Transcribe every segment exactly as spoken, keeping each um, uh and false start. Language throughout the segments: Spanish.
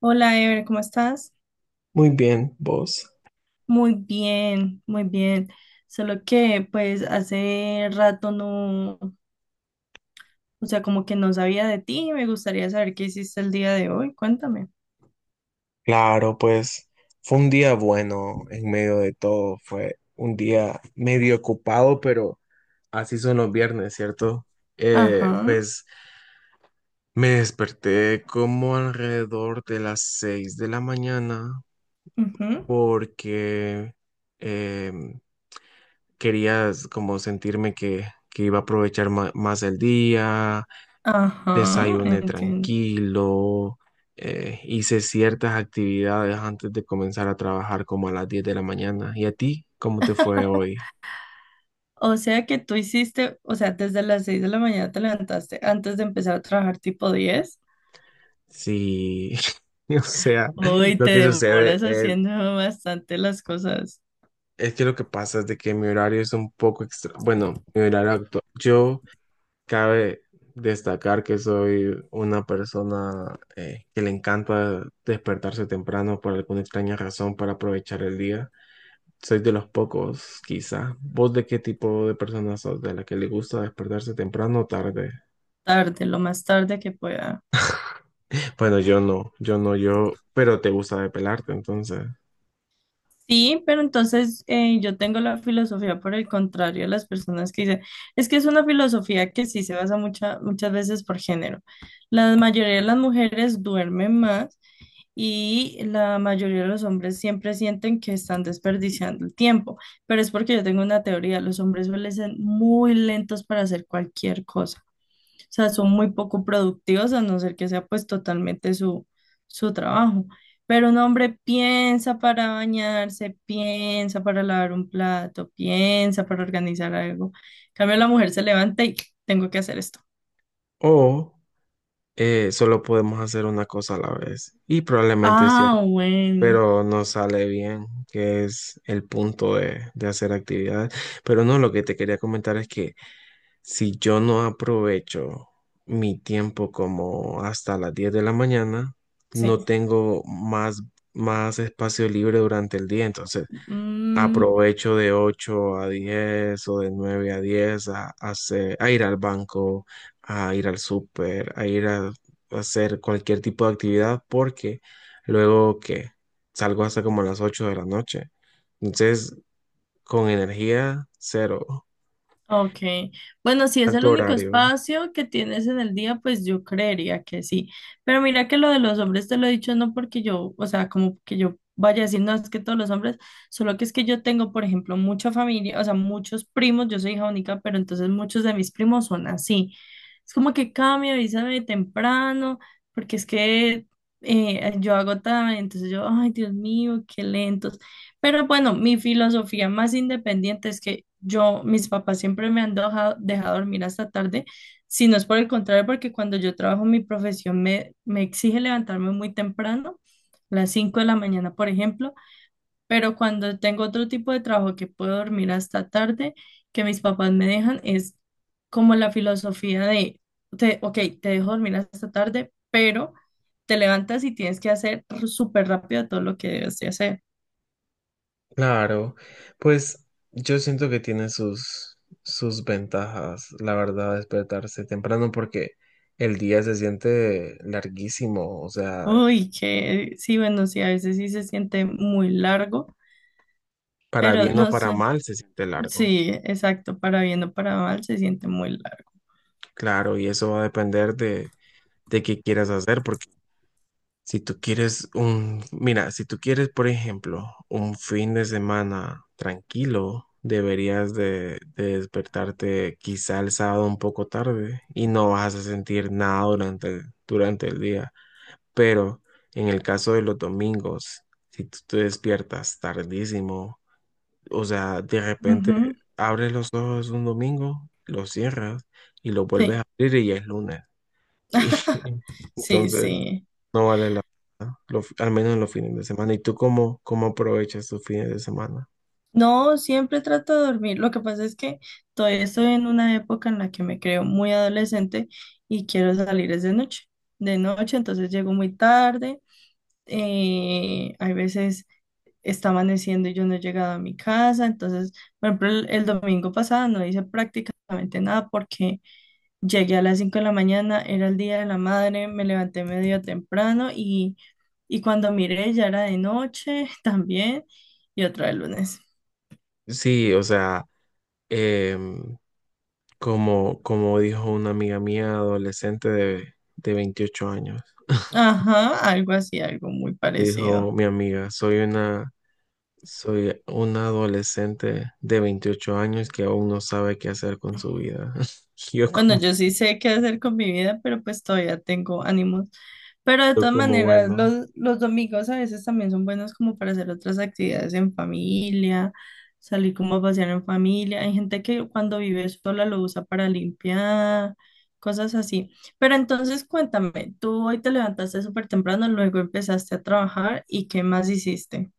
Hola, Ever, ¿cómo estás? Muy bien, vos. Muy bien, muy bien. Solo que pues hace rato no, o sea, como que no sabía de ti y me gustaría saber qué hiciste el día de hoy. Cuéntame. Claro, pues fue un día bueno en medio de todo. Fue un día medio ocupado, pero así son los viernes, ¿cierto? Eh, Ajá, pues me desperté como alrededor de las seis de la mañana ujú, porque eh, quería como sentirme que, que iba a aprovechar ma- más el día. ajá, Desayuné entiendo. tranquilo, eh, hice ciertas actividades antes de comenzar a trabajar como a las diez de la mañana. ¿Y a ti? ¿Cómo te fue hoy? O sea que tú hiciste, o sea, desde las seis de la mañana te levantaste antes de empezar a trabajar tipo diez. Sí, o sea, Hoy lo te que sucede demoras es, haciendo bastante las cosas es que lo que pasa es de que mi horario es un poco extra, bueno, mi horario actual, yo cabe destacar que soy una persona eh, que le encanta despertarse temprano por alguna extraña razón para aprovechar el día. Soy de los pocos, quizás. ¿Vos de qué tipo de persona sos? ¿De la que le gusta despertarse temprano o tarde? tarde, lo más tarde que pueda. Bueno, yo no, yo no, yo, pero te gusta depelarte, entonces. Sí, pero entonces eh, yo tengo la filosofía por el contrario a las personas que dicen, es que es una filosofía que sí se basa mucha- muchas veces por género. La mayoría de las mujeres duermen más y la mayoría de los hombres siempre sienten que están desperdiciando el tiempo, pero es porque yo tengo una teoría, los hombres suelen ser muy lentos para hacer cualquier cosa. O sea, son muy poco productivos a no ser que sea pues totalmente su, su trabajo. Pero un hombre piensa para bañarse, piensa para lavar un plato, piensa para organizar algo. En cambio, la mujer se levanta y tengo que hacer esto. O eh, solo podemos hacer una cosa a la vez. Y probablemente es cierto, Ah, bueno, pero no sale bien, que es el punto de, de hacer actividades. Pero no, lo que te quería comentar es que si yo no aprovecho mi tiempo como hasta las diez de la mañana, sí. no tengo más, más espacio libre durante el día. Entonces, Mm. aprovecho de ocho a diez o de nueve a diez a, a hacer- a ir al banco, a ir al súper, a ir a, a hacer cualquier tipo de actividad porque luego que salgo hasta como a las ocho de la noche. Entonces, con energía, cero. Ok, bueno, si es el Alto único horario. espacio que tienes en el día, pues yo creería que sí. Pero mira que lo de los hombres te lo he dicho no porque yo, o sea, como que yo vaya a decir, no, es que todos los hombres, solo que es que yo tengo, por ejemplo, mucha familia, o sea, muchos primos, yo soy hija única, pero entonces muchos de mis primos son así. Es como que cambia, avísame temprano, porque es que eh, yo hago tarde, entonces yo, ay, Dios mío, qué lento. Pero bueno, mi filosofía más independiente es que yo, mis papás siempre me han dejado, dejado dormir hasta tarde, si no es por el contrario, porque cuando yo trabajo mi profesión me, me exige levantarme muy temprano, las cinco de la mañana, por ejemplo, pero cuando tengo otro tipo de trabajo que puedo dormir hasta tarde, que mis papás me dejan, es como la filosofía de, te, ok, te dejo dormir hasta tarde, pero te levantas y tienes que hacer súper rápido todo lo que debes de hacer. Claro, pues yo siento que tiene sus, sus ventajas, la verdad, despertarse temprano porque el día se siente larguísimo, o sea, Uy, que sí, bueno, sí, a veces sí se siente muy largo, para pero bien o no para sé, mal se siente largo. sí, exacto, para bien o para mal se siente muy largo. Claro, y eso va a depender de, de qué quieras hacer, porque si tú quieres un, mira, si tú quieres, por ejemplo, un fin de semana tranquilo, deberías de, de despertarte quizá el sábado un poco tarde y no vas a sentir nada durante, durante el día. Pero en el caso de los domingos, si tú te despiertas tardísimo, o sea, de repente Ujú. abres los ojos un domingo, los cierras y los vuelves a Sí, abrir y ya es lunes. Y sí, entonces sí. no vale la pena, lo- al menos en los fines de semana. ¿Y tú cómo, cómo aprovechas tus fines de semana? No, siempre trato de dormir. Lo que pasa es que todavía estoy en una época en la que me creo muy adolescente y quiero salir es de noche. De noche, entonces llego muy tarde. Eh, hay veces está amaneciendo y yo no he llegado a mi casa. Entonces, por ejemplo, el, el domingo pasado no hice prácticamente nada porque llegué a las cinco de la mañana, era el día de la madre, me levanté medio temprano y, y cuando miré ya era de noche también y otra vez lunes. Sí, o sea, em, como, como dijo una amiga mía adolescente de, de veintiocho años, Ajá, algo así, algo muy parecido. dijo mi amiga, soy una, soy una adolescente de veintiocho años que aún no sabe qué hacer con su vida. Yo Bueno, como, yo sí sé qué hacer con mi vida, pero pues todavía tengo ánimos. Pero de yo todas como, maneras, bueno. los, los domingos a veces también son buenos como para hacer otras actividades en familia, salir como a pasear en familia. Hay gente que cuando vive sola lo usa para limpiar, cosas así. Pero entonces cuéntame, tú hoy te levantaste súper temprano, luego empezaste a trabajar y ¿qué más hiciste?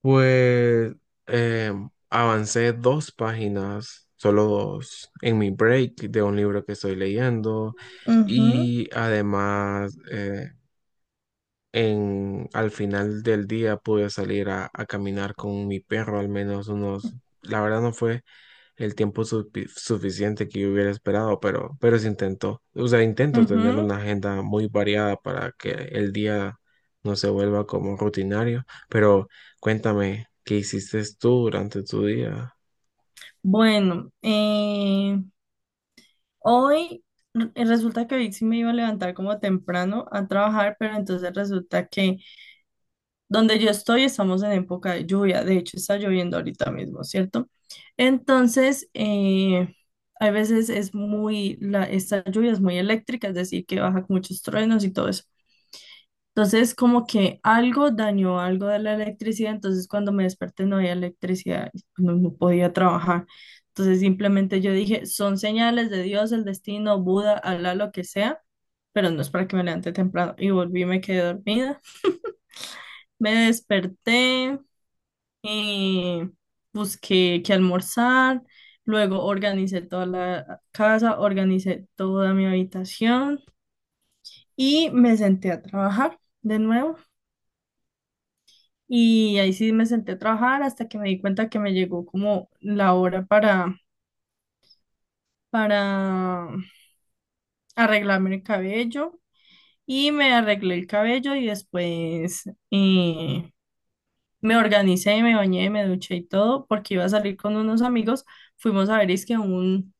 Pues eh, avancé dos páginas, solo dos, en mi break de un libro que estoy leyendo Ujú, y además eh, en, al final del día pude salir a, a caminar con mi perro al menos unos, la verdad no fue el tiempo sufi- suficiente que yo hubiera esperado, pero, pero se intentó. O sea, intento tener ujú. una agenda muy variada para que el día no se vuelva como rutinario. Pero cuéntame, ¿qué hiciste tú durante tu día? Bueno, eh, hoy r- eh, resulta que hoy sí me iba a levantar como temprano a trabajar, pero entonces resulta que donde yo estoy estamos en época de lluvia. De hecho, está lloviendo ahorita mismo, ¿cierto? Entonces, eh, hay veces es muy, la, esta lluvia es muy eléctrica, es decir, que baja con muchos truenos y todo eso. Entonces, como que algo dañó algo de la electricidad, entonces cuando me desperté no había electricidad, y no, no podía trabajar. Entonces, simplemente yo dije, son señales de Dios, el destino, Buda, Alá, lo que sea, pero no es para que me levante temprano. Y volví, me quedé dormida. Me desperté, eh, busqué qué almorzar, luego organicé toda la casa, organicé toda mi habitación y me senté a trabajar de nuevo. Y ahí sí me senté a trabajar hasta que me di cuenta que me llegó como la hora para, para arreglarme el cabello. Y me arreglé el cabello y después eh, me organicé, me bañé, me duché y todo porque iba a salir con unos amigos. Fuimos a ver, es que un,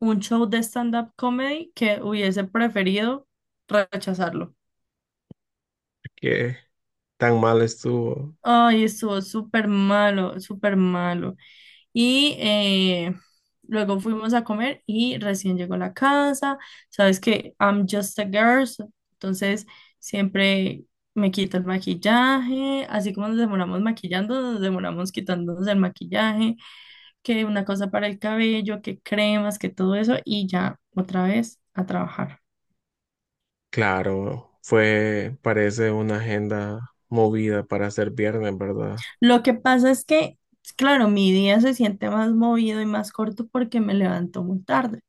un show de stand-up comedy que hubiese preferido rechazarlo. ¿Qué tan mal estuvo? Ay, estuvo súper malo, súper malo. Y eh, luego fuimos a comer y recién llegó a la casa. Sabes que I'm just a girl, so- entonces siempre me quito el maquillaje. Así como nos demoramos maquillando, nos demoramos quitándonos el maquillaje, que una cosa para el cabello, que cremas, que todo eso, y ya otra vez a trabajar. Claro, fue, parece una agenda movida para ser viernes, ¿verdad? Lo que pasa es que, claro, mi día se siente más movido y más corto porque me levanto muy tarde.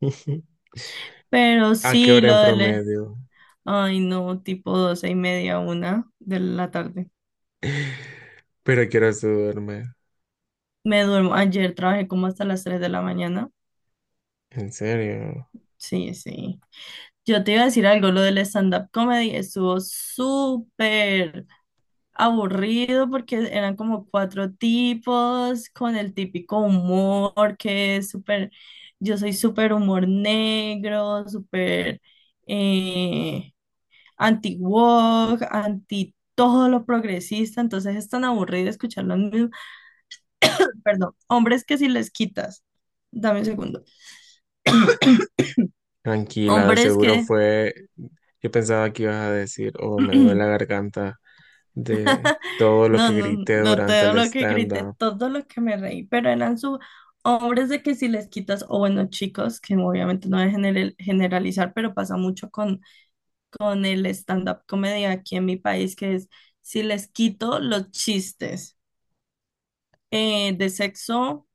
Pero ¿A qué sí, hora lo en de, le- promedio? Ay, no, tipo doce y media, una de la tarde. Pero quiero duerme. Me duermo. Ayer trabajé como hasta las tres de la mañana. En serio. Sí, sí. Yo te iba a decir algo, lo del stand-up comedy estuvo súper aburrido porque eran como cuatro tipos con el típico humor que es súper, yo soy súper humor negro, súper eh, anti-woke, anti todo lo progresista, entonces es tan aburrido escucharlo perdón, hombres que si les quitas, dame un segundo, Tranquila, de hombres seguro que, fue. Yo pensaba que ibas a decir, oh, me duele no, la garganta de todo lo no, que grité no, durante todo el lo que grité, stand-up. todo lo que me reí, pero eran su hombres de que si les quitas, o bueno, chicos, que obviamente no voy a general- generalizar, pero pasa mucho con, con el stand-up comedy aquí en mi país, que es si les quito los chistes eh, de sexo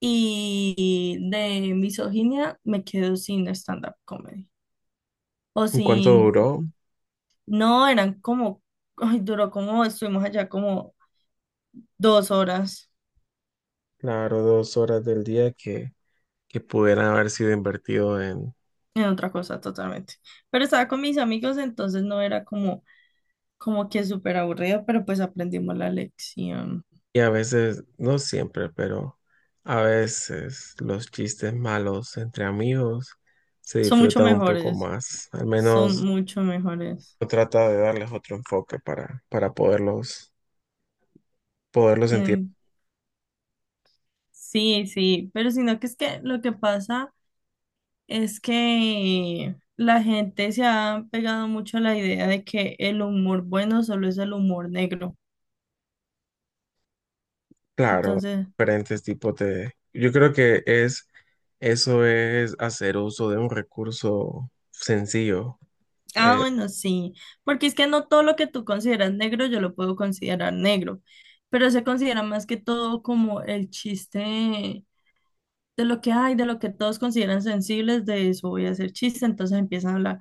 y de misoginia, me quedo sin stand-up comedy o ¿Y cuánto sin duró? No, eran como, ay, duró como, estuvimos allá como dos horas Claro, dos horas del día que, que pudieran haber sido invertido en. en otra cosa totalmente. Pero estaba con mis amigos, entonces no era como, como que súper aburrido, pero pues aprendimos la lección. Y a veces, no siempre, pero a veces los chistes malos entre amigos se Son mucho disfrutan un poco mejores, más. Al son menos mucho mejores. uno trata de darles otro enfoque para, para poderlos, poderlos sentir. Eh, sí, sí, pero sino que es que lo que pasa es que la gente se ha pegado mucho a la idea de que el humor bueno solo es el humor negro. Claro, Entonces... diferentes tipos de... Yo creo que es eso es hacer uso de un recurso sencillo. Ah, Eh, bueno, sí, porque es que no todo lo que tú consideras negro yo lo puedo considerar negro, pero se considera más que todo como el chiste de lo que hay, de lo que todos consideran sensibles, de eso voy a hacer chiste, entonces empiezan a hablar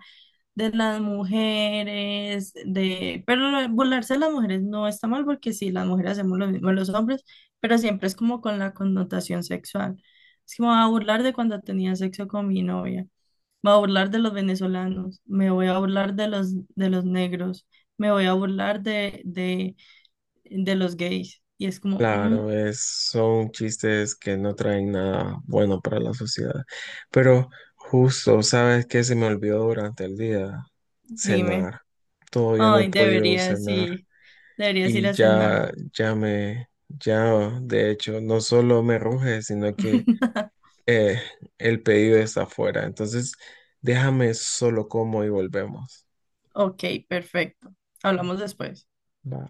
de las mujeres, de... Pero lo de burlarse de las mujeres no está mal porque sí, las mujeres hacemos lo mismo de los hombres, pero siempre es como con la connotación sexual. Es como a burlar de cuando tenía sexo con mi novia. Me voy a burlar de los venezolanos, me voy a burlar de los, de los negros, me voy a burlar de, de, de los gays. Y es como, "Mm, claro, es, son chistes que no traen nada bueno para la sociedad. Pero justo, ¿sabes qué se me olvidó durante el día? dime, Cenar. Todavía no he ay, podido deberías cenar ir, deberías ir y a cenar. ya, ya me, ya, de hecho, no solo me ruge, sino que Eh, el pedido está afuera, entonces déjame solo como y volvemos. Ok, perfecto. Hablamos después. Va.